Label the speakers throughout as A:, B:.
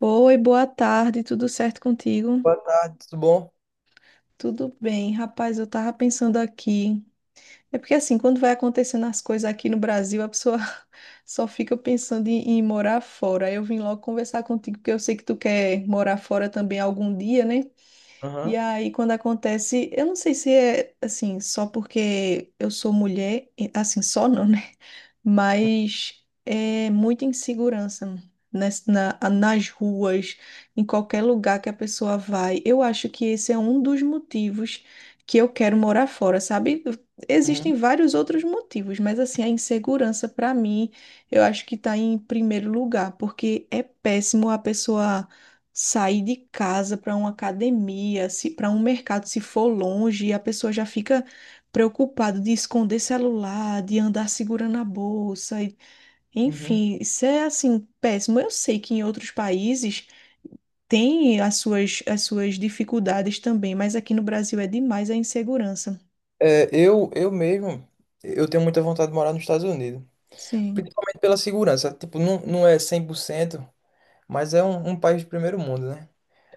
A: Oi, boa tarde, tudo certo contigo?
B: Boa tarde, tudo bom?
A: Tudo bem, rapaz, eu tava pensando aqui. É porque assim, quando vai acontecendo as coisas aqui no Brasil, a pessoa só fica pensando em morar fora. Eu vim logo conversar contigo, porque eu sei que tu quer morar fora também algum dia, né? E
B: Aham.
A: aí, quando acontece, eu não sei se é assim, só porque eu sou mulher, assim, só não, né? Mas é muita insegurança nas ruas, em qualquer lugar que a pessoa vai. Eu acho que esse é um dos motivos que eu quero morar fora, sabe?
B: Uhum.
A: Existem vários outros motivos, mas assim, a insegurança, para mim, eu acho que tá em primeiro lugar, porque é péssimo a pessoa sair de casa para uma academia, se para um mercado, se for longe, e a pessoa já fica preocupada de esconder celular, de andar segurando a bolsa,
B: Uhum.
A: enfim, isso é assim péssimo. Eu sei que em outros países tem as suas dificuldades também, mas aqui no Brasil é demais a insegurança.
B: É, eu mesmo, eu tenho muita vontade de morar nos Estados Unidos.
A: Sim,
B: Principalmente pela segurança. Tipo, não, não é 100%, mas é um país de primeiro mundo, né?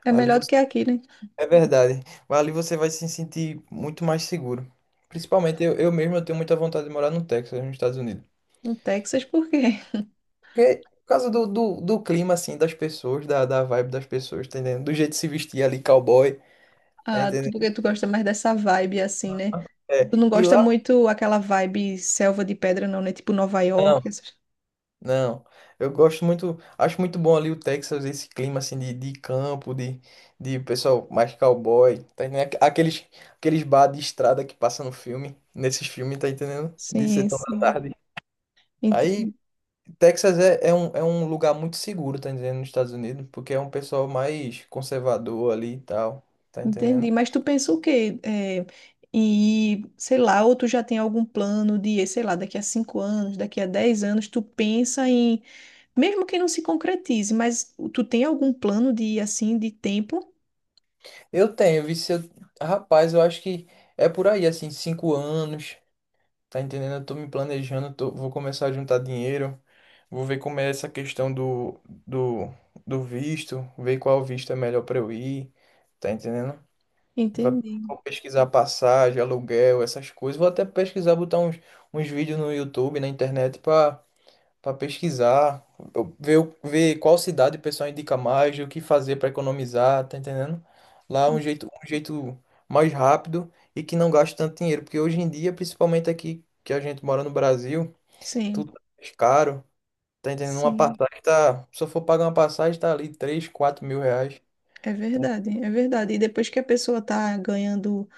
A: é
B: Ali
A: melhor do
B: você...
A: que aqui, né?
B: É verdade. Mas ali você vai se sentir muito mais seguro. Principalmente eu mesmo, eu tenho muita vontade de morar no Texas, nos Estados Unidos.
A: No Texas, por quê?
B: Porque, por causa do clima, assim, das pessoas, da vibe das pessoas, tá entendendo? Do jeito de se vestir ali, cowboy, tá
A: Ah,
B: entendendo?
A: porque tu gosta mais dessa vibe assim, né? Tu
B: É.
A: não gosta muito aquela vibe selva de pedra, não, né? Tipo Nova
B: Não.
A: York, essas...
B: Não, eu gosto muito, acho muito bom ali o Texas, esse clima assim de campo, de pessoal mais cowboy, tá entendendo? Aqueles bar de estrada que passa no filme, nesses filmes, tá entendendo? De
A: Sim,
B: sessão da
A: sim,
B: tarde. Aí,
A: entendi.
B: Texas é um lugar muito seguro, tá entendendo, nos Estados Unidos, porque é um pessoal mais conservador ali e tal, tá entendendo?
A: Entendi. Mas tu pensa o quê? É, e, sei lá, ou tu já tem algum plano de, sei lá, daqui a 5 anos, daqui a 10 anos, tu pensa em, mesmo que não se concretize, mas tu tem algum plano de, assim, de tempo?
B: Eu tenho, vi se eu, Rapaz, eu acho que é por aí, assim, 5 anos, tá entendendo? Eu tô me planejando, vou começar a juntar dinheiro. Vou ver como é essa questão do, do visto, ver qual visto é melhor para eu ir, tá entendendo? Va-
A: Entendi.
B: Vou pesquisar passagem, aluguel, essas coisas. Vou até pesquisar, botar uns vídeos no YouTube, na internet, para pesquisar, ver qual cidade o pessoal indica mais, o que fazer para economizar, tá entendendo? Lá é um jeito mais rápido e que não gasta tanto dinheiro, porque hoje em dia, principalmente aqui que a gente mora no Brasil, tudo
A: Sim,
B: é mais caro. Tá entendendo? Uma
A: sim,
B: passagem tá. Se eu for pagar uma passagem, tá ali 3 ou 4 mil reais.
A: é
B: Então,
A: verdade, é verdade. E depois que a pessoa tá ganhando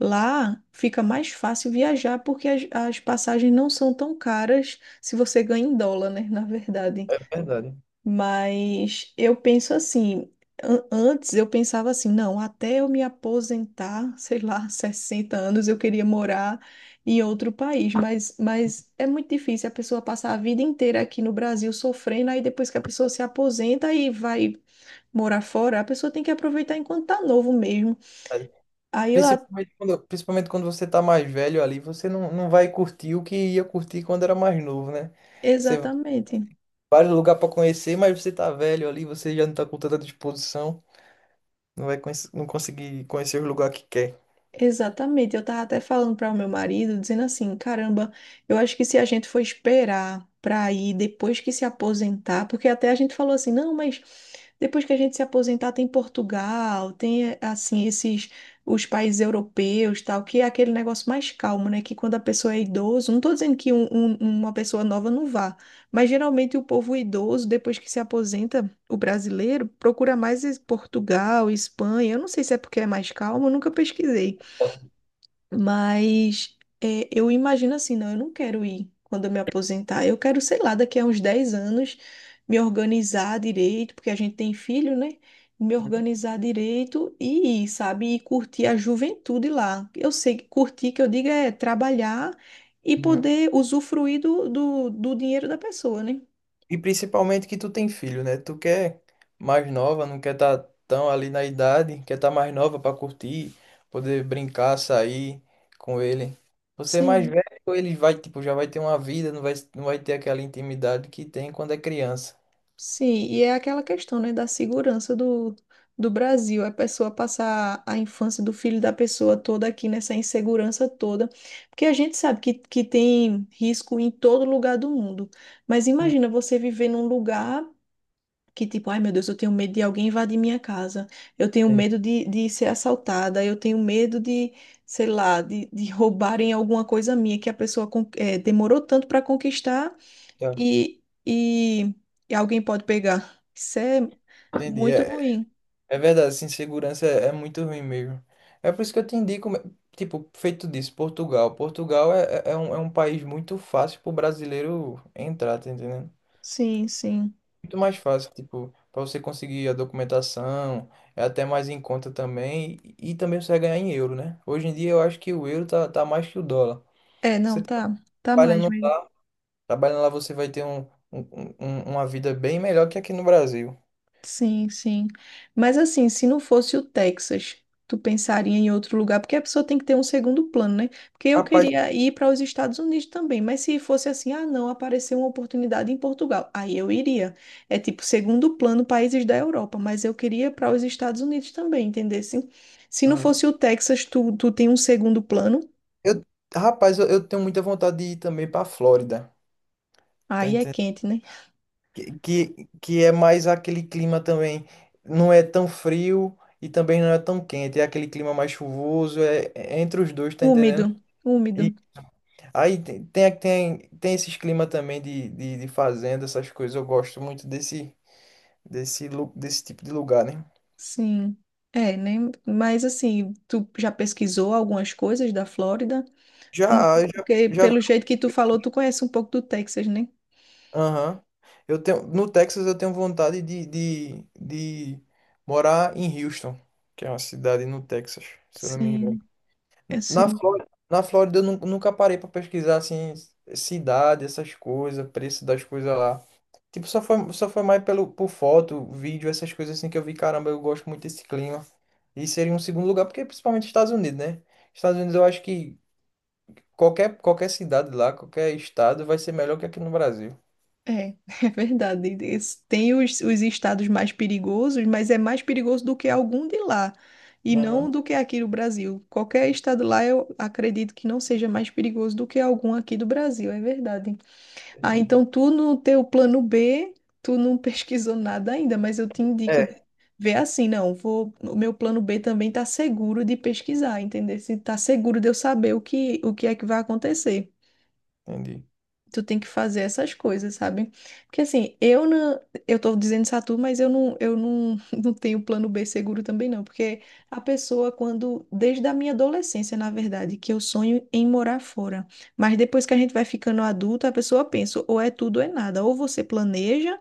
A: lá, fica mais fácil viajar, porque as passagens não são tão caras se você ganha em dólar, né? Na verdade.
B: é verdade.
A: Mas eu penso assim, antes eu pensava assim, não, até eu me aposentar, sei lá, 60 anos, eu queria morar em outro país, mas é muito difícil a pessoa passar a vida inteira aqui no Brasil sofrendo, aí depois que a pessoa se aposenta e vai morar fora, a pessoa tem que aproveitar enquanto tá novo mesmo.
B: é
A: Aí eu, a-
B: principalmente quando você tá mais velho ali, você não vai curtir o que ia curtir quando era mais novo, né? Você vai em
A: Exatamente.
B: vários lugares pra conhecer, mas você tá velho ali, você já não tá com tanta disposição, não conseguir conhecer o lugar que quer.
A: Exatamente, eu tava até falando para o meu marido, dizendo assim, caramba, eu acho que se a gente for esperar para ir depois que se aposentar, porque até a gente falou assim, não, mas depois que a gente se aposentar tem Portugal, tem assim esses os países europeus, tal, que é aquele negócio mais calmo, né? Que quando a pessoa é idoso, não tô dizendo que uma pessoa nova não vá, mas geralmente o povo idoso, depois que se aposenta, o brasileiro procura mais Portugal, Espanha. Eu não sei se é porque é mais calmo, eu nunca pesquisei. Mas é, eu imagino assim, não, eu não quero ir quando eu me aposentar. Eu quero, sei lá, daqui a uns 10 anos me organizar direito, porque a gente tem filho, né? Me organizar direito e ir, sabe? E curtir a juventude lá. Eu sei que curtir, que eu digo, é trabalhar e
B: Uhum.
A: poder usufruir do dinheiro da pessoa, né?
B: E principalmente que tu tem filho, né? Tu quer mais nova, não quer estar tão ali na idade, quer estar mais nova para curtir, poder brincar, sair com ele. Você é mais
A: Sim.
B: velho, ele vai, tipo, já vai ter uma vida, não vai ter aquela intimidade que tem quando é criança.
A: Sim, e é aquela questão, né, da segurança do, do Brasil, a pessoa passar a infância do filho da pessoa toda aqui nessa insegurança toda, porque a gente sabe que tem risco em todo lugar do mundo, mas
B: Hum.
A: imagina você viver num lugar que tipo, ai meu Deus, eu tenho medo de alguém invadir minha casa, eu tenho
B: Entendi.
A: medo de ser assaltada, eu tenho medo de, sei lá, de roubarem alguma coisa minha que a pessoa demorou tanto para conquistar
B: Tá.
A: e, e, e alguém pode pegar. Isso é
B: Entendi.
A: muito
B: É,
A: ruim.
B: é verdade, essa insegurança é muito ruim mesmo. É por isso que eu te indico, tipo, feito disso, Portugal. Portugal é um país muito fácil pro brasileiro entrar, tá entendendo?
A: Sim, sim.
B: Muito mais fácil, tipo, para você conseguir a documentação, é até mais em conta também, e também você vai ganhar em euro, né? Hoje em dia eu acho que o euro tá mais que o dólar.
A: É, não,
B: Você
A: tá. Tá mais
B: trabalhando
A: mesmo.
B: lá, trabalhando lá você vai ter um- uma vida bem melhor que aqui no Brasil.
A: Sim, sim. Mas assim, se não fosse o Texas, tu pensaria em outro lugar, porque a pessoa tem que ter um segundo plano, né? Porque eu
B: Rapaz.
A: queria ir para os Estados Unidos também, mas se fosse assim, ah, não, apareceu uma oportunidade em Portugal, aí eu iria. É tipo segundo plano países da Europa, mas eu queria para os Estados Unidos também, entendesse? Se não
B: Aham.
A: fosse o Texas, tu tem um segundo plano.
B: Eu, rapaz, eu tenho muita vontade de ir também para Flórida, tá
A: Aí é
B: entendendo?
A: quente, né?
B: Que é mais aquele clima também, não é tão frio e também não é tão quente, é aquele clima mais chuvoso, é entre os dois, tá
A: Úmido,
B: entendendo?
A: úmido.
B: Aí tem esses clima também de fazenda, essas coisas. Eu gosto muito desse tipo de lugar, né?
A: Sim. É, né? Mas assim, tu já pesquisou algumas coisas da Flórida? Como
B: Já, já,
A: porque
B: já,
A: pelo jeito que tu falou, tu conhece um pouco do Texas, né?
B: aham. No Texas eu tenho vontade de morar em Houston, que é uma cidade no Texas, se eu não me engano.
A: Sim,
B: Na
A: sim.
B: Flórida, na Flórida eu nunca parei para pesquisar assim cidade, essas coisas, preço das coisas lá. Tipo, só foi mais pelo, por foto, vídeo, essas coisas assim que eu vi, caramba, eu gosto muito desse clima. E seria um segundo lugar, porque principalmente Estados Unidos, né? Estados Unidos, eu acho que qualquer cidade lá, qualquer estado vai ser melhor que aqui no Brasil.
A: É, é verdade. Esse- Tem os estados mais perigosos, mas é mais perigoso do que algum de lá. E
B: Aham.
A: não do que aqui no Brasil. Qualquer estado lá, eu acredito que não seja mais perigoso do que algum aqui do Brasil, é verdade. Ah,
B: Verdade.
A: então tu no teu plano B, tu não pesquisou nada ainda, mas eu te indico
B: É,
A: de ver assim, não, vou, o meu plano B também tá seguro de pesquisar, entender? Se tá seguro de eu saber o que é que vai acontecer
B: entendi.
A: tu tem que fazer essas coisas, sabe? Porque assim, eu não, eu tô dizendo Satu, mas eu não, não tenho plano B seguro também não, porque a pessoa quando, desde a minha adolescência, na verdade, que eu sonho em morar fora, mas depois que a gente vai ficando adulto, a pessoa pensa, ou é tudo ou é nada, ou você planeja,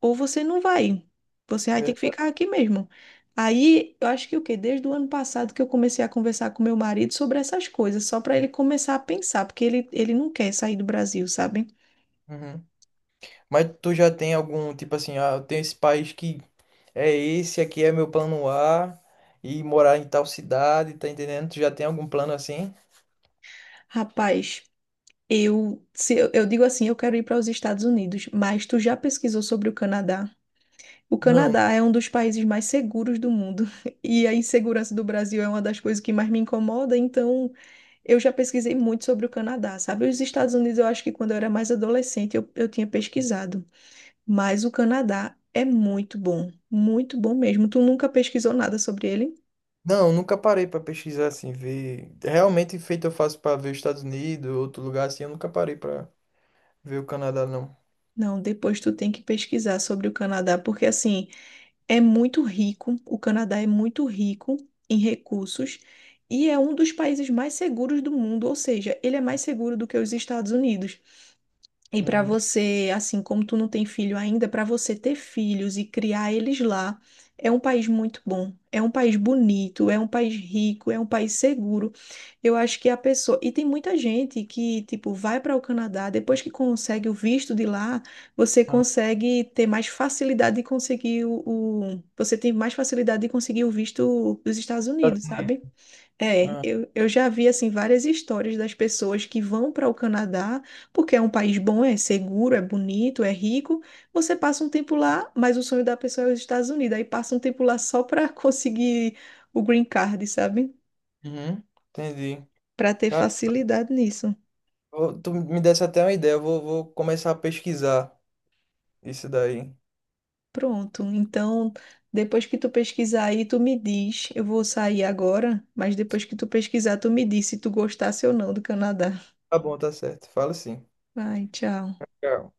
A: ou você não vai. Você vai ter que
B: Verdade.
A: ficar aqui mesmo. Aí, eu acho que o quê? Desde o ano passado que eu comecei a conversar com meu marido sobre essas coisas, só para ele começar a pensar, porque ele não quer sair do Brasil, sabe?
B: Uhum. Mas tu já tem algum, tipo assim, ah, eu tenho esse país que é esse, aqui é meu plano A, e morar em tal cidade, tá entendendo? Tu já tem algum plano assim?
A: Rapaz, eu, se eu, eu digo assim, eu quero ir para os Estados Unidos, mas tu já pesquisou sobre o Canadá? O
B: Não,
A: Canadá é um dos países mais seguros do mundo e a insegurança do Brasil é uma das coisas que mais me incomoda, então eu já pesquisei muito sobre o Canadá, sabe? Os Estados Unidos eu acho que quando eu era mais adolescente eu tinha pesquisado, mas o Canadá é muito bom mesmo. Tu nunca pesquisou nada sobre ele?
B: não, nunca parei pra pesquisar assim, ver. Realmente feito eu faço pra ver os Estados Unidos, outro lugar assim, eu nunca parei pra ver o Canadá, não.
A: Não, depois tu tem que pesquisar sobre o Canadá, porque assim. É muito rico, o Canadá é muito rico em recursos e é um dos países mais seguros do mundo, ou seja, ele é mais seguro do que os Estados Unidos. E para
B: Uhum.
A: você, assim como tu não tem filho ainda, para você ter filhos e criar eles lá, é um país muito bom, é um país bonito, é um país rico, é um país seguro. Eu acho que a pessoa. E tem muita gente que, tipo, vai para o Canadá, depois que consegue o visto de lá, você
B: Aham.
A: consegue ter mais facilidade de conseguir o. Você tem mais facilidade de conseguir o visto dos Estados Unidos, sabe? É,
B: Ah,
A: eu já vi assim várias histórias das pessoas que vão para o Canadá porque é um país bom, é seguro, é bonito, é rico. Você passa um tempo lá, mas o sonho da pessoa é os Estados Unidos. Aí passa um tempo lá só para conseguir o green card, sabe?
B: uhum, entendi.
A: Para ter
B: Cara,
A: facilidade nisso.
B: tu me desse até uma ideia, eu vou começar a pesquisar isso daí.
A: Pronto. Então, depois que tu pesquisar aí, tu me diz. Eu vou sair agora, mas depois que tu pesquisar, tu me diz se tu gostasse ou não do Canadá.
B: Tá bom, tá certo. Fala sim.
A: Vai, tchau.
B: Tchau.